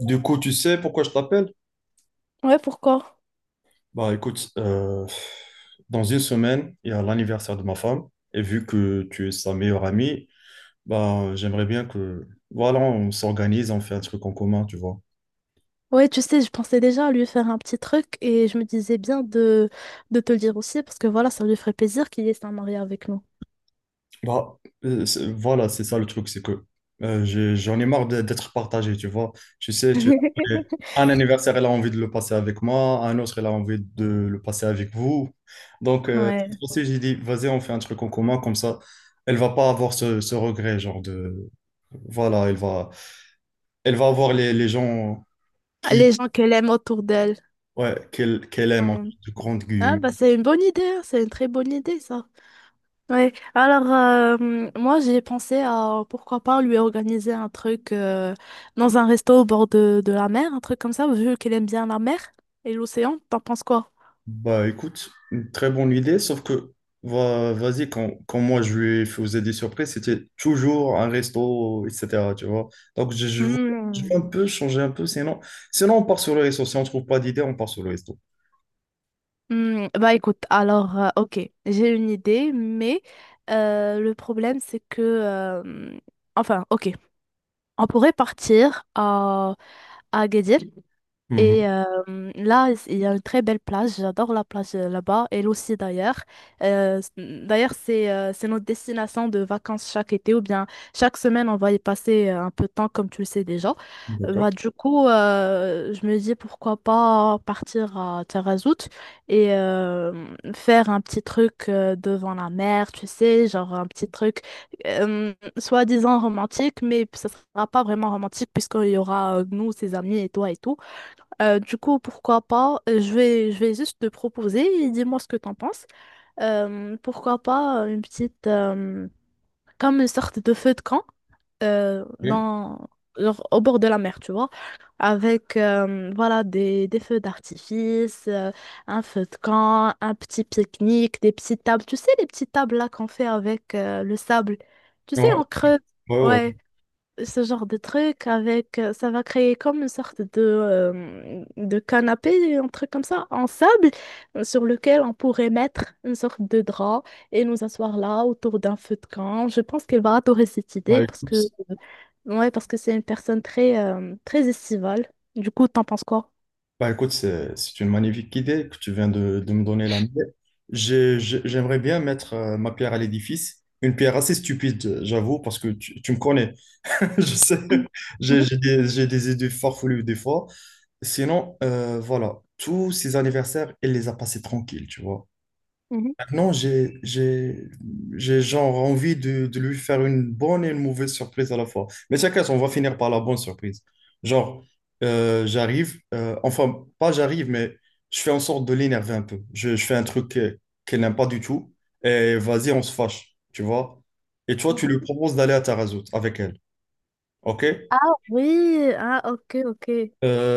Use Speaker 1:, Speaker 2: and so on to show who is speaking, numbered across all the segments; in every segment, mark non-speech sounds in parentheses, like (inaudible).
Speaker 1: Du coup, tu sais pourquoi je t'appelle?
Speaker 2: Ouais, pourquoi?
Speaker 1: Bah écoute, dans une semaine, il y a l'anniversaire de ma femme, et vu que tu es sa meilleure amie, bah j'aimerais bien que, voilà, on s'organise, on fait un truc en commun, tu vois.
Speaker 2: Ouais, tu sais, je pensais déjà à lui faire un petit truc et je me disais bien de te le dire aussi parce que voilà, ça lui ferait plaisir qu'il y ait un marié avec nous.
Speaker 1: Bah, voilà, c'est ça le truc, c'est que j'en ai marre d'être partagé, tu vois. Tu sais, tu-
Speaker 2: (laughs)
Speaker 1: un anniversaire, elle a envie de le passer avec moi, un autre, elle a envie de le passer avec vous. Donc,
Speaker 2: Ouais.
Speaker 1: c'est pour ça que j'ai dit, vas-y, on fait un truc en commun, comme ça, elle va pas avoir ce regret, genre de... Voilà, elle va avoir les gens
Speaker 2: Ah,
Speaker 1: qui,
Speaker 2: les gens qu'elle aime autour d'elle.
Speaker 1: ouais, qu'elle aime, en
Speaker 2: Ouais.
Speaker 1: de grandes
Speaker 2: Ah,
Speaker 1: guillemets.
Speaker 2: bah c'est une bonne idée, hein, c'est une très bonne idée ça. Ouais, alors moi j'ai pensé à pourquoi pas lui organiser un truc dans un resto au bord de la mer, un truc comme ça, vu qu'elle aime bien la mer et l'océan. T'en penses quoi?
Speaker 1: Bah écoute, une très bonne idée, sauf que vas-y, quand moi je lui faisais des surprises, c'était toujours un resto, etc. Tu vois. Donc je, je, veux- je
Speaker 2: Hmm.
Speaker 1: veux un peu changer un peu, sinon, sinon on part sur le resto. Si on trouve pas d'idée, on part sur le resto.
Speaker 2: Hmm, bah écoute, alors, ok, j'ai une idée, mais le problème c'est que, enfin, ok, on pourrait partir à Agadir, et
Speaker 1: Mhm.
Speaker 2: là, il y a une très belle plage. J'adore la plage là-bas, elle aussi d'ailleurs. D'ailleurs, c'est notre destination de vacances chaque été ou bien chaque semaine, on va y passer un peu de temps, comme tu le sais déjà.
Speaker 1: D'accord.
Speaker 2: Bah, du coup, je me dis pourquoi pas partir à Tarazout et faire un petit truc devant la mer, tu sais, genre un petit truc soi-disant romantique, mais ça sera pas vraiment romantique puisqu'il y aura nous, ses amis et toi et tout. Du coup, pourquoi pas, je vais juste te proposer et dis-moi ce que t'en penses. Pourquoi pas une petite, comme une sorte de feu de camp
Speaker 1: Ok.
Speaker 2: dans, genre au bord de la mer, tu vois, avec voilà des feux d'artifice, un feu de camp, un petit pique-nique, des petites tables, tu sais, les petites tables là qu'on fait avec le sable, tu sais,
Speaker 1: Ouais,
Speaker 2: on creuse.
Speaker 1: ouais, ouais.
Speaker 2: Ouais, ce genre de truc avec ça va créer comme une sorte de canapé, un truc comme ça, en sable, sur lequel on pourrait mettre une sorte de drap et nous asseoir là autour d'un feu de camp. Je pense qu'elle va adorer cette
Speaker 1: Bah
Speaker 2: idée parce
Speaker 1: écoute,
Speaker 2: que
Speaker 1: c'est-
Speaker 2: ouais, parce que c'est une personne très très estivale. Du coup, t'en penses quoi?
Speaker 1: Bah, écoute, c'est une magnifique idée que tu viens de me donner la mienne. J'aimerais bien mettre ma pierre à l'édifice, une pierre assez stupide, j'avoue, parce que tu me connais. (laughs) Je sais,
Speaker 2: Mhm,
Speaker 1: j'ai des idées farfelues des fois. Sinon, voilà, tous ces anniversaires, elle les a passés tranquilles, tu vois.
Speaker 2: mhm,
Speaker 1: Maintenant, j'ai genre envie de lui faire une bonne et une mauvaise surprise à la fois. Mais chacun, on va finir par la bonne surprise. Genre, j'arrive, enfin, pas j'arrive, mais je fais en sorte de l'énerver un peu. Je fais un truc qu'elle n'aime pas du tout. Et vas-y, on se fâche, tu vois. Et toi, tu
Speaker 2: mhm.
Speaker 1: lui proposes d'aller à Tarazout avec elle, ok?
Speaker 2: Ah oui, ah ok, ok.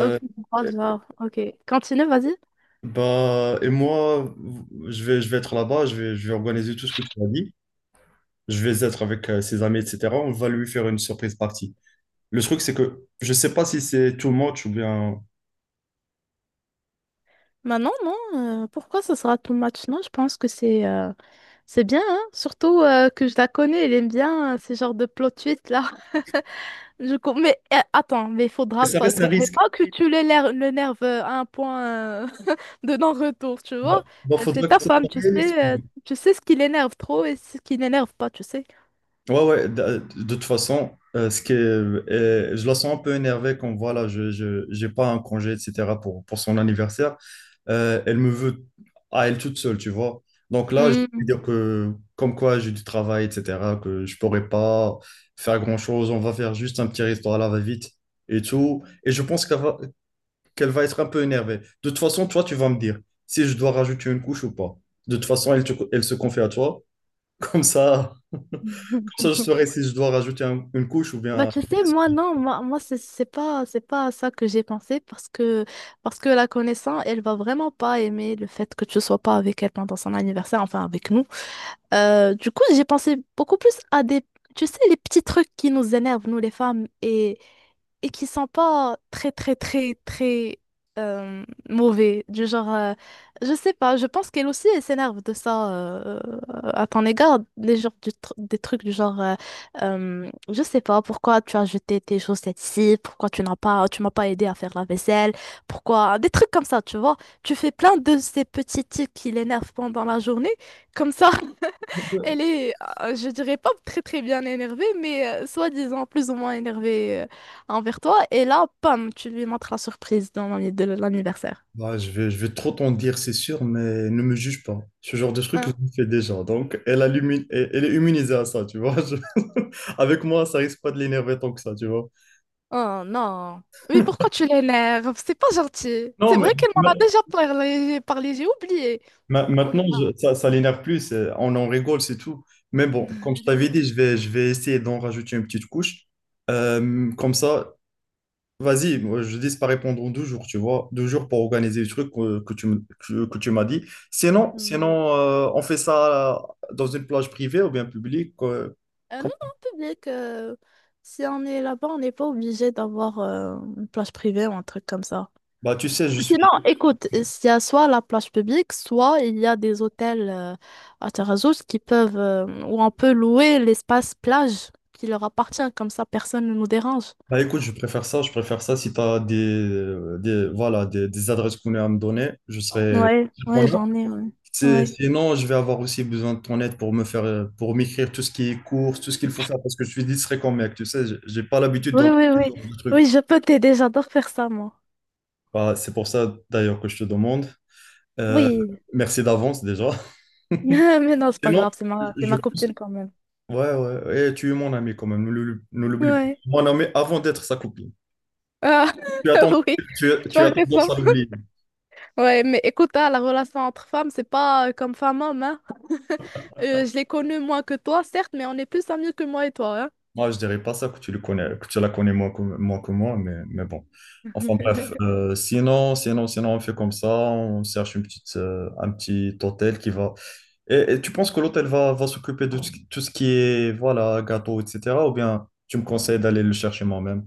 Speaker 2: Ok, je vois le genre, ok. Continue, vas-y.
Speaker 1: et moi, je vais être là-bas, je vais organiser tout ce que tu m'as dit. Je vais être avec ses amis, etc. On va lui faire une surprise partie. Le truc, c'est que je sais pas si c'est too much ou bien.
Speaker 2: Bah non, non, pourquoi ce sera too much? Non, je pense que c'est bien, hein. Surtout que je la connais, elle aime bien ces genres de plot twist là. (laughs) Mais attends, mais il
Speaker 1: Mais
Speaker 2: faudra
Speaker 1: ça
Speaker 2: pas,
Speaker 1: reste un
Speaker 2: faudrait
Speaker 1: risque.
Speaker 2: pas que tu l'énerves à un point (laughs) de non-retour, tu vois. C'est
Speaker 1: Faudra que
Speaker 2: ta
Speaker 1: ça
Speaker 2: femme,
Speaker 1: soit réaliste, quand même.
Speaker 2: tu sais ce qui l'énerve trop et ce qui l'énerve pas, tu sais.
Speaker 1: Ouais, ouais, de toute façon, je la sens un peu énervée quand voilà, j'ai pas un congé, etc. Pour son anniversaire. Elle me veut à elle toute seule, tu vois. Donc là, je vais
Speaker 2: Hmm.
Speaker 1: dire que comme quoi j'ai du travail, etc., que je pourrais pas faire grand-chose, on va faire juste un petit restaurant à la va-vite et tout. Et je pense qu'elle va être un peu énervée. De toute façon, toi, tu vas me dire si je dois rajouter une couche ou pas. De toute façon, elle se confie à toi. (laughs) Comme ça, je
Speaker 2: (laughs)
Speaker 1: saurai si je dois rajouter une couche ou
Speaker 2: Bah,
Speaker 1: bien...
Speaker 2: tu sais, moi, non, moi, moi c'est c'est pas à ça que j'ai pensé parce que la connaissance, elle va vraiment pas aimer le fait que tu sois pas avec elle pendant son anniversaire, enfin avec nous. Du coup, j'ai pensé beaucoup plus à des, tu sais, les petits trucs qui nous énervent, nous les femmes, et qui sont pas très très très très euh, mauvais du genre je sais pas, je pense qu'elle aussi elle s'énerve de ça à ton égard, des genres des trucs du genre je sais pas pourquoi tu as jeté tes chaussettes ici, pourquoi tu m'as pas aidé à faire la vaisselle, pourquoi des trucs comme ça, tu vois. Tu fais plein de ces petits tics qui l'énervent pendant la journée, comme ça elle est, je dirais pas très très bien énervée, mais soi-disant plus ou moins énervée envers toi. Et là, pam, tu lui montres la surprise dans de l'anniversaire.
Speaker 1: Je vais trop t'en dire, c'est sûr, mais ne me juge pas. Ce genre de truc, je
Speaker 2: Hein?
Speaker 1: le fais déjà. Donc, elle, a l'immu- elle elle est immunisée à ça, tu vois. Je- (laughs) Avec moi, ça risque pas de l'énerver tant que ça, tu vois.
Speaker 2: Oh non. Mais pourquoi tu l'énerves? C'est pas gentil.
Speaker 1: Non,
Speaker 2: C'est
Speaker 1: mais
Speaker 2: vrai qu'elle
Speaker 1: ma-
Speaker 2: m'en a déjà parlé, j'ai oublié. Oh là
Speaker 1: maintenant,
Speaker 2: là.
Speaker 1: ça, ça l'énerve plus. On en rigole, c'est tout. Mais bon, comme je t'avais dit,
Speaker 2: (laughs)
Speaker 1: je vais essayer d'en rajouter une petite couche. Comme ça, vas-y, moi, je dis pas répondre en deux jours, tu vois, deux jours pour organiser le truc que tu m'as dit. Sinon,
Speaker 2: Hmm.
Speaker 1: on fait ça dans une plage privée ou bien publique.
Speaker 2: Non,
Speaker 1: Comme-
Speaker 2: non, public. Si on est là-bas, on n'est pas obligé d'avoir une plage privée ou un truc comme ça.
Speaker 1: Bah, tu sais, je
Speaker 2: Sinon,
Speaker 1: suis.
Speaker 2: écoute, il y a soit la plage publique, soit il y a des hôtels à Tarazout qui peuvent, où on peut louer l'espace plage qui leur appartient, comme ça personne ne nous dérange.
Speaker 1: Bah, écoute, je préfère ça, je préfère ça. Si tu as voilà, des adresses qu'on a à me donner, je serai
Speaker 2: Ouais, ouais,
Speaker 1: preneur.
Speaker 2: j'en ai, ouais. Ouais.
Speaker 1: Sinon, je vais avoir aussi besoin de ton aide pour me faire, pour m'écrire tout ce qui est course, tout ce qu'il faut faire, parce que je suis distrait comme mec, tu sais, j'ai pas l'habitude
Speaker 2: Oui, oui, oui.
Speaker 1: de trucs.
Speaker 2: Oui, je peux t'aider, j'adore faire ça, moi.
Speaker 1: Bah, c'est pour ça d'ailleurs que je te demande. Euh,
Speaker 2: Oui.
Speaker 1: Merci d'avance déjà.
Speaker 2: (laughs) Mais non, c'est pas
Speaker 1: Sinon,
Speaker 2: grave, c'est
Speaker 1: je
Speaker 2: ma
Speaker 1: pense.
Speaker 2: copine quand même.
Speaker 1: Ouais, ouais, et tu es mon ami quand même, ne l'oublie pas.
Speaker 2: Ouais.
Speaker 1: Mon ami avant d'être sa copine.
Speaker 2: Ah,
Speaker 1: Tu as tendance,
Speaker 2: (laughs) oui, tu
Speaker 1: tu as
Speaker 2: as raison.
Speaker 1: tendance à l'oublier.
Speaker 2: Ouais, mais écoute, hein, la relation entre femmes, c'est pas comme femme-homme. Je les connais moins que toi, certes, mais on est plus amis que moi et toi, hein.
Speaker 1: Moi, je dirais pas ça que tu la connais moins que moi, mais bon. Enfin bref,
Speaker 2: (laughs)
Speaker 1: sinon, on fait comme ça, on cherche une petite, un petit hôtel qui va. Et tu penses que l'hôtel va s'occuper de tout ce qui est, voilà, gâteau, etc. Ou bien tu me conseilles d'aller le chercher moi-même?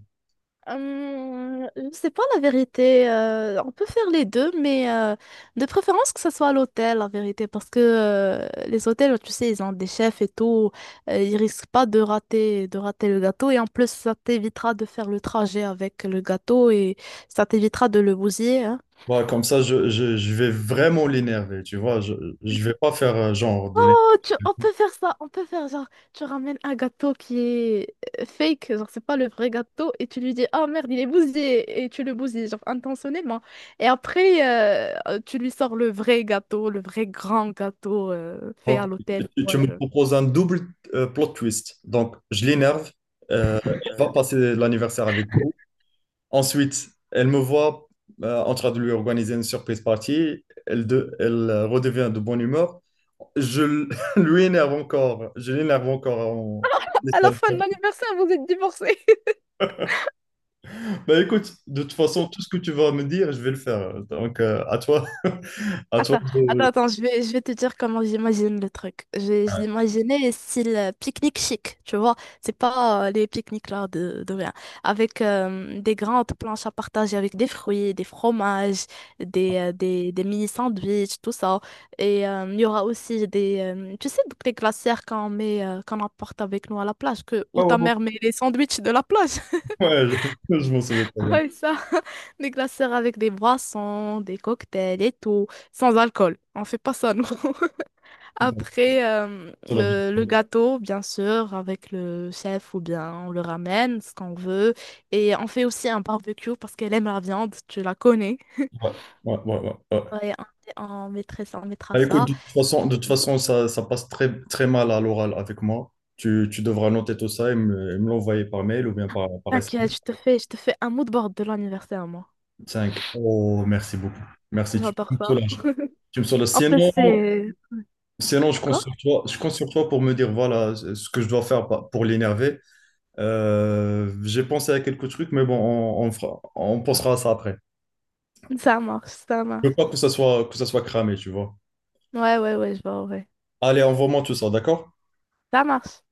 Speaker 2: C'est pas la vérité. On peut faire les deux, mais de préférence que ça soit à l'hôtel, la vérité, parce que les hôtels, tu sais, ils ont des chefs et tout. Ils risquent pas de rater, de rater le gâteau. Et en plus, ça t'évitera de faire le trajet avec le gâteau et ça t'évitera de le bousiller, hein.
Speaker 1: Bah, comme ça, je vais vraiment l'énerver, tu vois. Je vais pas faire genre de l'énerver.
Speaker 2: Oh, on peut faire ça, on peut faire genre, tu ramènes un gâteau qui est fake, genre c'est pas le vrai gâteau, et tu lui dis, ah merde, il est bousillé, et tu le bousilles, genre intentionnellement. Et après, tu lui sors le vrai gâteau, le vrai grand gâteau fait
Speaker 1: Donc,
Speaker 2: à l'hôtel, ou
Speaker 1: tu me
Speaker 2: whatever.
Speaker 1: proposes un double plot twist. Donc, je l'énerve, euh, elle va passer l'anniversaire avec vous. Ensuite, elle me voit en train de lui organiser une surprise party. Elle redevient de bonne humeur. Je l- (laughs) Lui énerve encore. Je l'énerve encore.
Speaker 2: À la fin de l'anniversaire, vous êtes divorcés.
Speaker 1: Bah écoute, de toute façon, tout ce que tu vas me dire, je vais le faire. Donc, à toi, (laughs) à toi
Speaker 2: Attends, attends, attends, je vais te dire comment j'imagine le truc. J'ai imaginé style pique-nique chic, tu vois. C'est pas les pique-niques là de rien. Avec des grandes planches à partager avec des fruits, des fromages, des mini sandwichs, tout ça. Et il y aura aussi des, tu sais, donc les glacières qu'on met, qu'on emporte avec nous à la plage, que,
Speaker 1: ouais,
Speaker 2: où
Speaker 1: ouais,
Speaker 2: ta
Speaker 1: ouais.
Speaker 2: mère met les sandwichs de la plage.
Speaker 1: Ouais, je, (laughs) je m'en souviens très bien.
Speaker 2: Ouais, ça. (laughs) Des glaceurs avec des boissons, des cocktails et tout, sans alcool. On fait pas ça, nous. (laughs) Après,
Speaker 1: Ouais,
Speaker 2: le gâteau, bien sûr, avec le chef ou bien on le ramène, ce qu'on veut. Et on fait aussi un barbecue parce qu'elle aime la viande, tu la connais.
Speaker 1: ouais, ouais, ouais, ouais.
Speaker 2: Ouais, on mettrait ça, on mettra
Speaker 1: Bah, écoute,
Speaker 2: ça. Et
Speaker 1: de toute façon ça passe très, très mal à l'oral avec moi. Tu devras noter tout ça et et me l'envoyer par mail ou bien par
Speaker 2: t'inquiète,
Speaker 1: SMS.
Speaker 2: je te fais un mood board de l'anniversaire, moi.
Speaker 1: 5. Oh, merci beaucoup. Merci,
Speaker 2: J'adore
Speaker 1: tu me
Speaker 2: ça.
Speaker 1: soulages. Tu me soulages.
Speaker 2: En plus,
Speaker 1: Sinon,
Speaker 2: c'est...
Speaker 1: sinon je compte
Speaker 2: Quoi?
Speaker 1: sur toi, je compte sur toi pour me dire voilà ce que je dois faire pour l'énerver. J'ai pensé à quelques trucs, mais bon, on pensera à ça après.
Speaker 2: Ça marche, ça
Speaker 1: Je
Speaker 2: marche.
Speaker 1: veux pas que ça soit cramé, tu vois.
Speaker 2: Ouais, ouais, ouais, je vois, ouais.
Speaker 1: Allez, envoie-moi tout ça, d'accord?
Speaker 2: Ça marche.